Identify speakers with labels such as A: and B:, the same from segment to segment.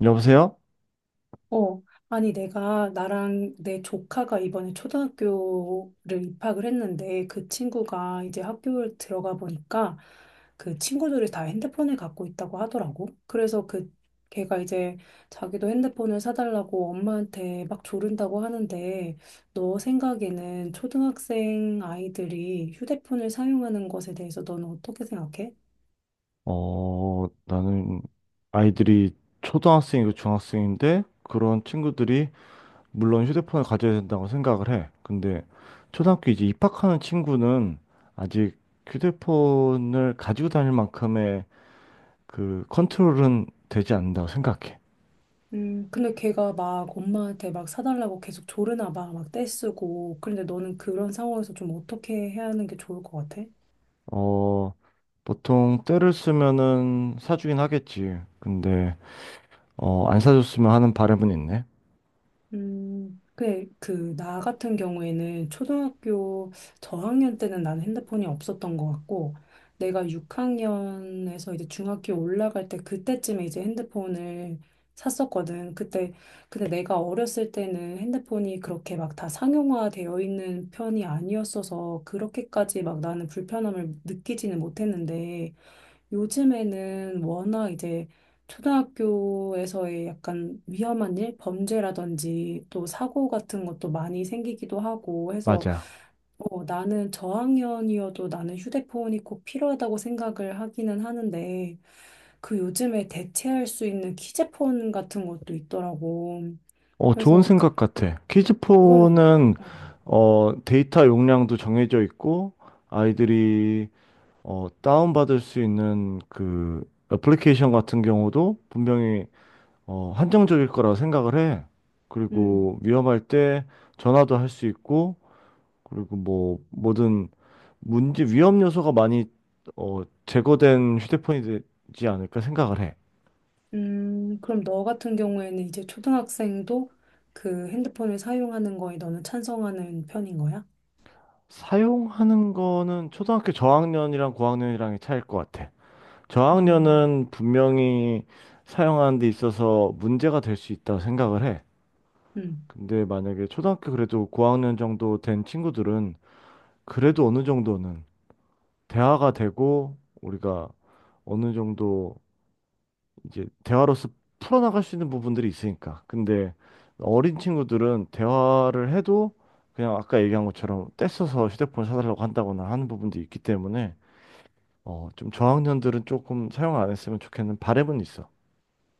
A: 여보세요?
B: 어, 아니, 내가, 나랑 내 조카가 이번에 초등학교를 입학을 했는데, 그 친구가 이제 학교에 들어가 보니까, 그 친구들이 다 핸드폰을 갖고 있다고 하더라고. 그래서 걔가 이제 자기도 핸드폰을 사달라고 엄마한테 막 조른다고 하는데, 너 생각에는 초등학생 아이들이 휴대폰을 사용하는 것에 대해서 너는 어떻게 생각해?
A: 나는 아이들이 초등학생이고 중학생인데 그런 친구들이 물론 휴대폰을 가져야 된다고 생각을 해. 근데 초등학교 이제 입학하는 친구는 아직 휴대폰을 가지고 다닐 만큼의 그 컨트롤은 되지 않는다고 생각해.
B: 근데 걔가 막 엄마한테 막 사달라고 계속 조르나 봐. 막 떼쓰고. 그런데 너는 그런 상황에서 좀 어떻게 해야 하는 게 좋을 것 같아?
A: 어, 보통 때를 쓰면은 사주긴 하겠지. 근데 안 사줬으면 하는 바람은 있네.
B: 나 같은 경우에는 초등학교 저학년 때는 난 핸드폰이 없었던 것 같고, 내가 6학년에서 이제 중학교 올라갈 때 그때쯤에 이제 핸드폰을 샀었거든. 그때, 근데 내가 어렸을 때는 핸드폰이 그렇게 막 다 상용화되어 있는 편이 아니었어서 그렇게까지 막 나는 불편함을 느끼지는 못했는데, 요즘에는 워낙 이제 초등학교에서의 약간 위험한 일, 범죄라든지 또 사고 같은 것도 많이 생기기도 하고 해서
A: 맞아.
B: 어, 나는 저학년이어도 나는 휴대폰이 꼭 필요하다고 생각을 하기는 하는데 그 요즘에 대체할 수 있는 키제폰 같은 것도 있더라고.
A: 좋은
B: 그래서 그-
A: 생각 같아.
B: 그건
A: 키즈폰은
B: 어, 어,
A: 데이터 용량도 정해져 있고 아이들이 다운받을 수 있는 그 애플리케이션 같은 경우도 분명히 한정적일 거라고 생각을 해.
B: 음.
A: 그리고 위험할 때 전화도 할 수 있고 그리고 뭐 뭐든 문제 위험 요소가 많이 제거된 휴대폰이 되지 않을까 생각을 해.
B: 그럼 너 같은 경우에는 이제 초등학생도 그 핸드폰을 사용하는 거에 너는 찬성하는 편인 거야?
A: 사용하는 거는 초등학교 저학년이랑 고학년이랑의 차이일 것 같아.
B: 음,
A: 저학년은 분명히 사용하는 데 있어서 문제가 될 수 있다고 생각을 해.
B: 음,
A: 근데 만약에 초등학교 그래도 고학년 정도 된 친구들은 그래도 어느 정도는 대화가 되고 우리가 어느 정도 이제 대화로서 풀어나갈 수 있는 부분들이 있으니까. 근데 어린 친구들은 대화를 해도 그냥 아까 얘기한 것처럼 떼써서 휴대폰 사달라고 한다거나 하는 부분도 있기 때문에 좀 저학년들은 조금 사용 안 했으면 좋겠는 바램은 있어.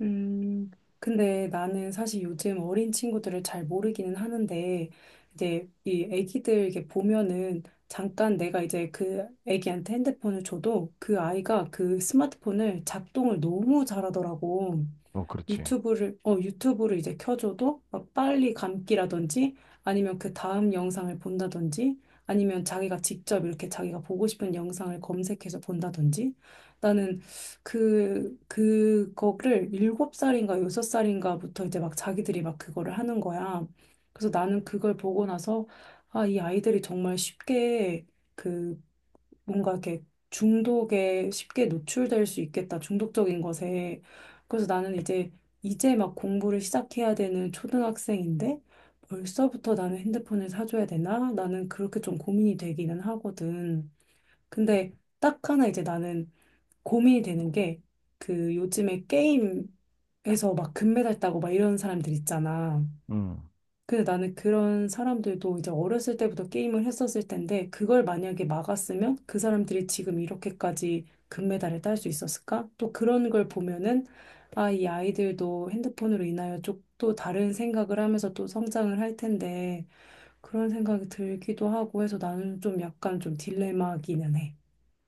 B: 음. 근데 나는 사실 요즘 어린 친구들을 잘 모르기는 하는데, 이제 이 애기들 이렇게 보면은 잠깐 내가 이제 그 애기한테 핸드폰을 줘도 그 아이가 그 스마트폰을 작동을 너무 잘하더라고.
A: 어, 그렇지.
B: 유튜브를 이제 켜줘도 막 빨리 감기라든지 아니면 그 다음 영상을 본다든지 아니면 자기가 직접 이렇게 자기가 보고 싶은 영상을 검색해서 본다든지 나는 그거를 일곱 살인가 여섯 살인가부터 이제 막 자기들이 막 그거를 하는 거야. 그래서 나는 그걸 보고 나서 아, 이 아이들이 정말 쉽게 그 뭔가 이렇게 중독에 쉽게 노출될 수 있겠다. 중독적인 것에. 그래서 나는 이제 막 공부를 시작해야 되는 초등학생인데 벌써부터 나는 핸드폰을 사줘야 되나? 나는 그렇게 좀 고민이 되기는 하거든. 근데 딱 하나 이제 나는 고민이 되는 게 그 요즘에 게임에서 막 금메달 따고 막 이런 사람들 있잖아.
A: 음.
B: 근데 나는 그런 사람들도 이제 어렸을 때부터 게임을 했었을 텐데, 그걸 만약에 막았으면 그 사람들이 지금 이렇게까지 금메달을 딸 수 있었을까? 또 그런 걸 보면은, 아, 이 아이들도 핸드폰으로 인하여 좀또 다른 생각을 하면서 또 성장을 할 텐데, 그런 생각이 들기도 하고 해서 나는 좀 약간 좀 딜레마기는 해.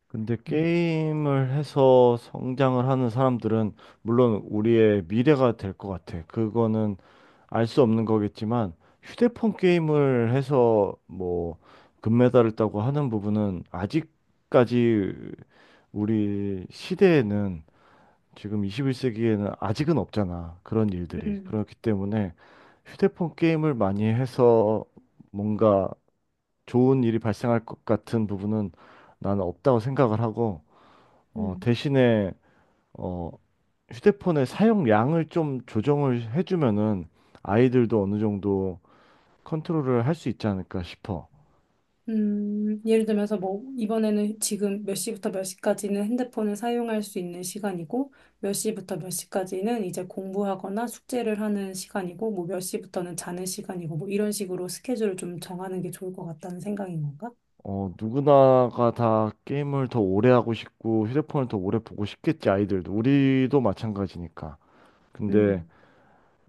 A: 근데
B: 음.
A: 게임을 해서 성장을 하는 사람들은 물론 우리의 미래가 될 것 같아. 그거는 알 수 없는 거겠지만 휴대폰 게임을 해서 뭐 금메달을 따고 하는 부분은 아직까지 우리 시대에는 지금 21세기에는 아직은 없잖아. 그런 일들이.
B: 음.
A: 그렇기 때문에 휴대폰 게임을 많이 해서 뭔가 좋은 일이 발생할 것 같은 부분은 나는 없다고 생각을 하고
B: 음.
A: 대신에 어, 휴대폰의 사용량을 좀 조정을 해주면은 아이들도 어느 정도 컨트롤을 할 수 있지 않을까 싶어.
B: 예를 들면서 뭐, 이번에는 지금 몇 시부터 몇 시까지는 핸드폰을 사용할 수 있는 시간이고, 몇 시부터 몇 시까지는 이제 공부하거나 숙제를 하는 시간이고, 뭐 몇 시부터는 자는 시간이고, 뭐 이런 식으로 스케줄을 좀 정하는 게 좋을 것 같다는 생각인 건가?
A: 누구나가 다 게임을 더 오래 하고 싶고 휴대폰을 더 오래 보고 싶겠지 아이들도 우리도 마찬가지니까. 근데
B: 음,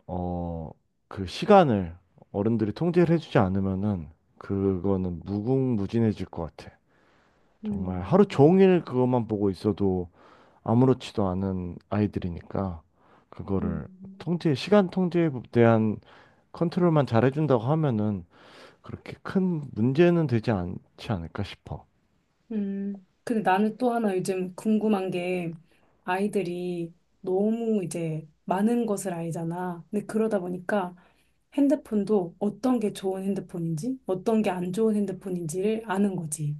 A: 어, 그 시간을 어른들이 통제를 해주지 않으면은 그거는 무궁무진해질 것 같아. 정말 하루
B: 음,
A: 종일 그것만 보고 있어도 아무렇지도 않은 아이들이니까 그거를
B: 음,
A: 통제, 시간 통제에 대한 컨트롤만 잘해준다고 하면은 그렇게 큰 문제는 되지 않지 않을까 싶어.
B: 음. 근데 나는 또 하나 요즘 궁금한 게, 아이들이 너무 이제 많은 것을 알잖아. 근데 그러다 보니까, 핸드폰도 어떤 게 좋은 핸드폰인지, 어떤 게 안 좋은 핸드폰인지를 아는 거지.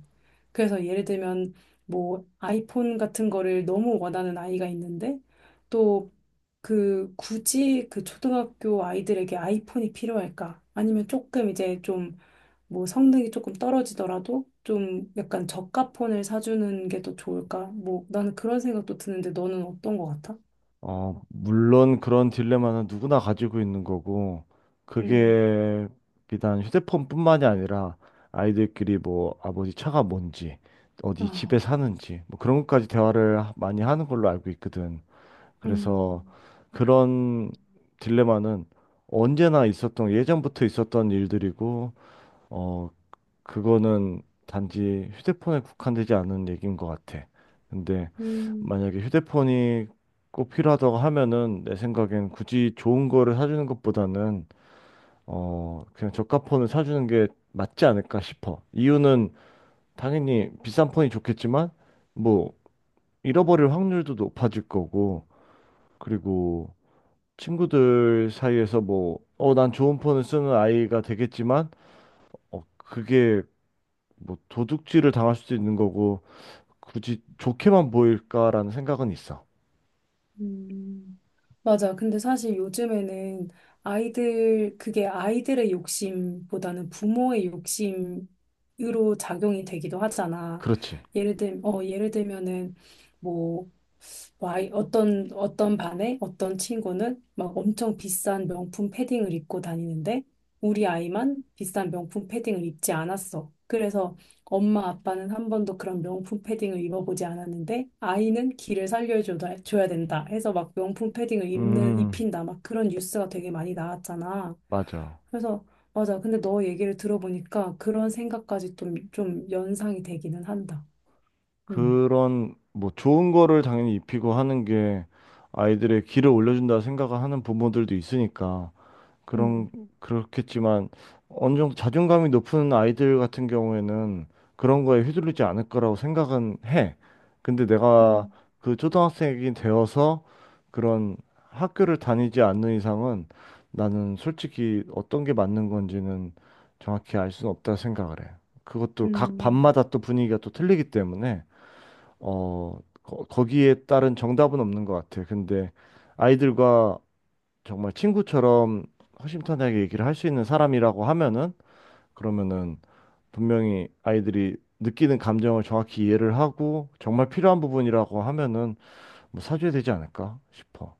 B: 그래서 예를 들면 뭐 아이폰 같은 거를 너무 원하는 아이가 있는데 또 그 굳이 그 초등학교 아이들에게 아이폰이 필요할까? 아니면 조금 이제 좀 뭐 성능이 조금 떨어지더라도 좀 약간 저가 폰을 사주는 게 더 좋을까? 뭐 나는 그런 생각도 드는데 너는 어떤 거 같아?
A: 물론 그런 딜레마는 누구나 가지고 있는 거고
B: 음.
A: 그게 비단 휴대폰뿐만이 아니라 아이들끼리 뭐 아버지 차가 뭔지 어디 집에
B: 아,
A: 사는지 뭐 그런 것까지 대화를 많이 하는 걸로 알고 있거든. 그래서
B: 음,
A: 그런 딜레마는 언제나 있었던, 예전부터 있었던 일들이고, 어, 그거는 단지 휴대폰에 국한되지 않은 얘기인 것 같아. 근데
B: 음.
A: 만약에 휴대폰이 꼭 필요하다고 하면은 내 생각엔 굳이 좋은 거를 사주는 것보다는 그냥 저가 폰을 사주는 게 맞지 않을까 싶어. 이유는 당연히 비싼 폰이 좋겠지만 뭐 잃어버릴 확률도 높아질 거고 그리고 친구들 사이에서 뭐, 난 좋은 폰을 쓰는 아이가 되겠지만, 그게 뭐 도둑질을 당할 수도 있는 거고, 굳이 좋게만 보일까라는 생각은 있어.
B: 음. 맞아. 근데 사실 요즘에는 아이들, 그게 아이들의 욕심보다는 부모의 욕심으로 작용이 되기도 하잖아.
A: 그렇지.
B: 예를 들면은, 뭐, 와, 어떤 반에 어떤 친구는 막 엄청 비싼 명품 패딩을 입고 다니는데 우리 아이만 비싼 명품 패딩을 입지 않았어. 그래서 엄마 아빠는 한 번도 그런 명품 패딩을 입어보지 않았는데 아이는 길을 살려줘야 줘야 된다 해서 막 명품 패딩을 입는,
A: 음,
B: 입힌다 막 그런 뉴스가 되게 많이 나왔잖아.
A: 맞아.
B: 그래서 맞아. 근데 너 얘기를 들어보니까 그런 생각까지 좀 연상이 되기는 한다. 음.
A: 그런 뭐 좋은 거를 당연히 입히고 하는 게 아이들의 길을 올려준다 생각을 하는 부모들도 있으니까. 그런
B: 음.
A: 그렇겠지만 어느 정도 자존감이 높은 아이들 같은 경우에는 그런 거에 휘둘리지 않을 거라고 생각은 해. 근데 내가
B: 음.
A: 그 초등학생이 되어서 그런 학교를 다니지 않는 이상은 나는 솔직히 어떤 게 맞는 건지는 정확히 알 수는 없다 생각을 해. 그것도 각
B: 음.
A: 반마다 또 분위기가 또 틀리기 때문에 거기에 따른 정답은 없는 것 같아. 근데 아이들과 정말 친구처럼 허심탄회하게 얘기를 할 수 있는 사람이라고 하면은 그러면은 분명히 아이들이 느끼는 감정을 정확히 이해를 하고 정말 필요한 부분이라고 하면은 뭐 사줘야 되지 않을까 싶어.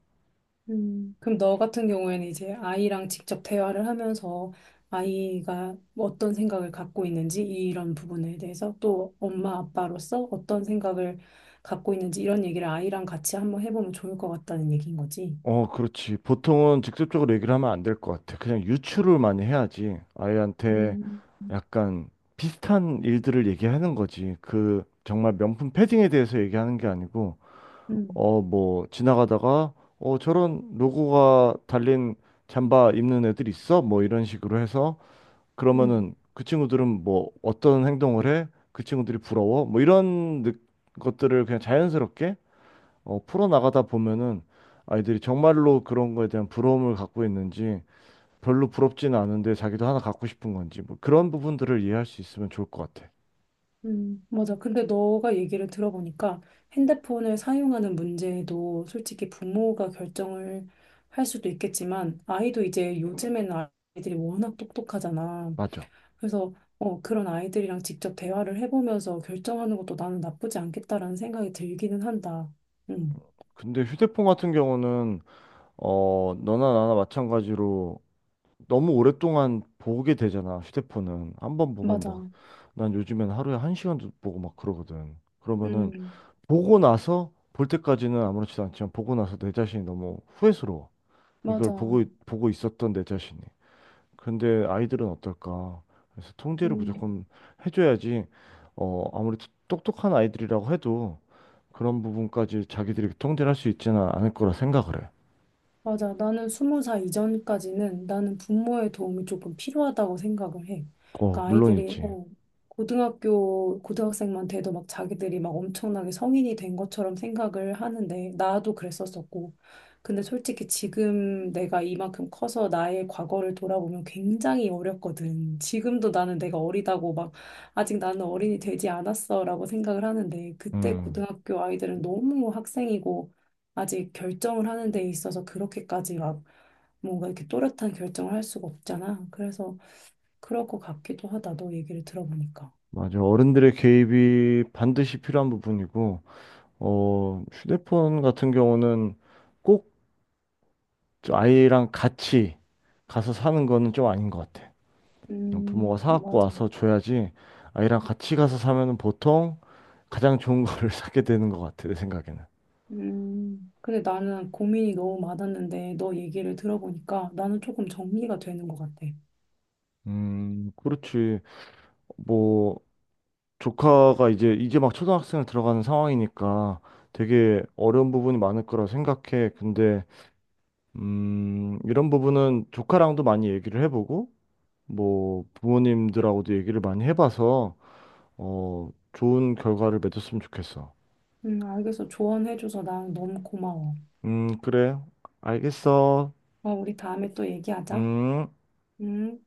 B: 그럼 너 같은 경우에는 이제 아이랑 직접 대화를 하면서 아이가 어떤 생각을 갖고 있는지 이런 부분에 대해서 또 엄마 아빠로서 어떤 생각을 갖고 있는지 이런 얘기를 아이랑 같이 한번 해보면 좋을 것 같다는 얘기인 거지.
A: 어, 그렇지. 보통은 직접적으로 얘기를 하면 안 될 것 같아. 그냥 유추를 많이 해야지. 아이한테
B: 음,
A: 약간 비슷한 일들을 얘기하는 거지. 그 정말 명품 패딩에 대해서 얘기하는 게 아니고
B: 음,
A: 뭐, 지나가다가, 저런 로고가 달린 잠바 입는 애들 있어? 뭐, 이런 식으로 해서,
B: 음,
A: 그러면은 그 친구들은 뭐, 어떤 행동을 해? 그 친구들이 부러워? 뭐, 이런 것들을 그냥 자연스럽게, 풀어나가다 보면은 아이들이 정말로 그런 거에 대한 부러움을 갖고 있는지, 별로 부럽지는 않은데 자기도 하나 갖고 싶은 건지, 뭐, 그런 부분들을 이해할 수 있으면 좋을 것 같아.
B: 맞아. 근데 너가 얘기를 들어보니까 핸드폰을 사용하는 문제도 솔직히 부모가 결정을 할 수도 있겠지만 아이도 이제 요즘에는 아이들이 워낙 똑똑하잖아.
A: 맞아.
B: 그래서 어, 그런 아이들이랑 직접 대화를 해보면서 결정하는 것도 나는 나쁘지 않겠다라는 생각이 들기는 한다. 음,
A: 근데 휴대폰 같은 경우는, 너나 나나 마찬가지로 너무 오랫동안 보게 되잖아, 휴대폰은. 한 번 보면 막,
B: 맞아.
A: 난 요즘엔 하루에 한 시간도 보고 막 그러거든. 그러면은,
B: 음,
A: 보고 나서, 볼 때까지는 아무렇지도 않지만, 보고 나서 내 자신이 너무 후회스러워. 이걸
B: 맞아.
A: 보고, 보고 있었던 내 자신이. 근데 아이들은 어떨까? 그래서 통제를
B: 음.
A: 무조건 해줘야지, 아무리 똑똑한 아이들이라고 해도, 그런 부분까지 자기들이 통제를 할 수 있지는 않을 거라 생각을 해.
B: 맞아. 나는 20살 이전까지는 나는 부모의 도움이 조금 필요하다고 생각을 해.
A: 어,
B: 그러니까 아이들이
A: 물론이지.
B: 고등학교 고등학생만 돼도 막 자기들이 막 엄청나게 성인이 된 것처럼 생각을 하는데 나도 그랬었었고. 근데 솔직히 지금 내가 이만큼 커서 나의 과거를 돌아보면 굉장히 어렸거든. 지금도 나는 내가 어리다고 막 아직 나는 어린이 되지 않았어라고 생각을 하는데 그때
A: 음.
B: 고등학교 아이들은 너무 학생이고 아직 결정을 하는 데 있어서 그렇게까지 막 뭔가 이렇게 또렷한 결정을 할 수가 없잖아. 그래서 그럴 것 같기도 하다. 너 얘기를 들어보니까.
A: 맞아. 어른들의 개입이 반드시 필요한 부분이고, 휴대폰 같은 경우는 꼭 아이랑 같이 가서 사는 거는 좀 아닌 것 같아. 부모가 사갖고
B: 맞아.
A: 와서 줘야지 아이랑 같이 가서 사면은 보통 가장 좋은 거를 사게 되는 것 같아, 내 생각에는.
B: 근데 나는 고민이 너무 많았는데 너 얘기를 들어보니까 나는 조금 정리가 되는 것 같아.
A: 그렇지. 뭐, 조카가 이제 막 초등학생을 들어가는 상황이니까 되게 어려운 부분이 많을 거라 생각해. 근데 이런 부분은 조카랑도 많이 얘기를 해보고, 뭐, 부모님들하고도 얘기를 많이 해봐서, 좋은 결과를 맺었으면 좋겠어.
B: 알겠어. 조언해줘서 난 너무 고마워.
A: 그래. 알겠어.
B: 어, 우리 다음에 또 얘기하자.
A: 음.
B: 음.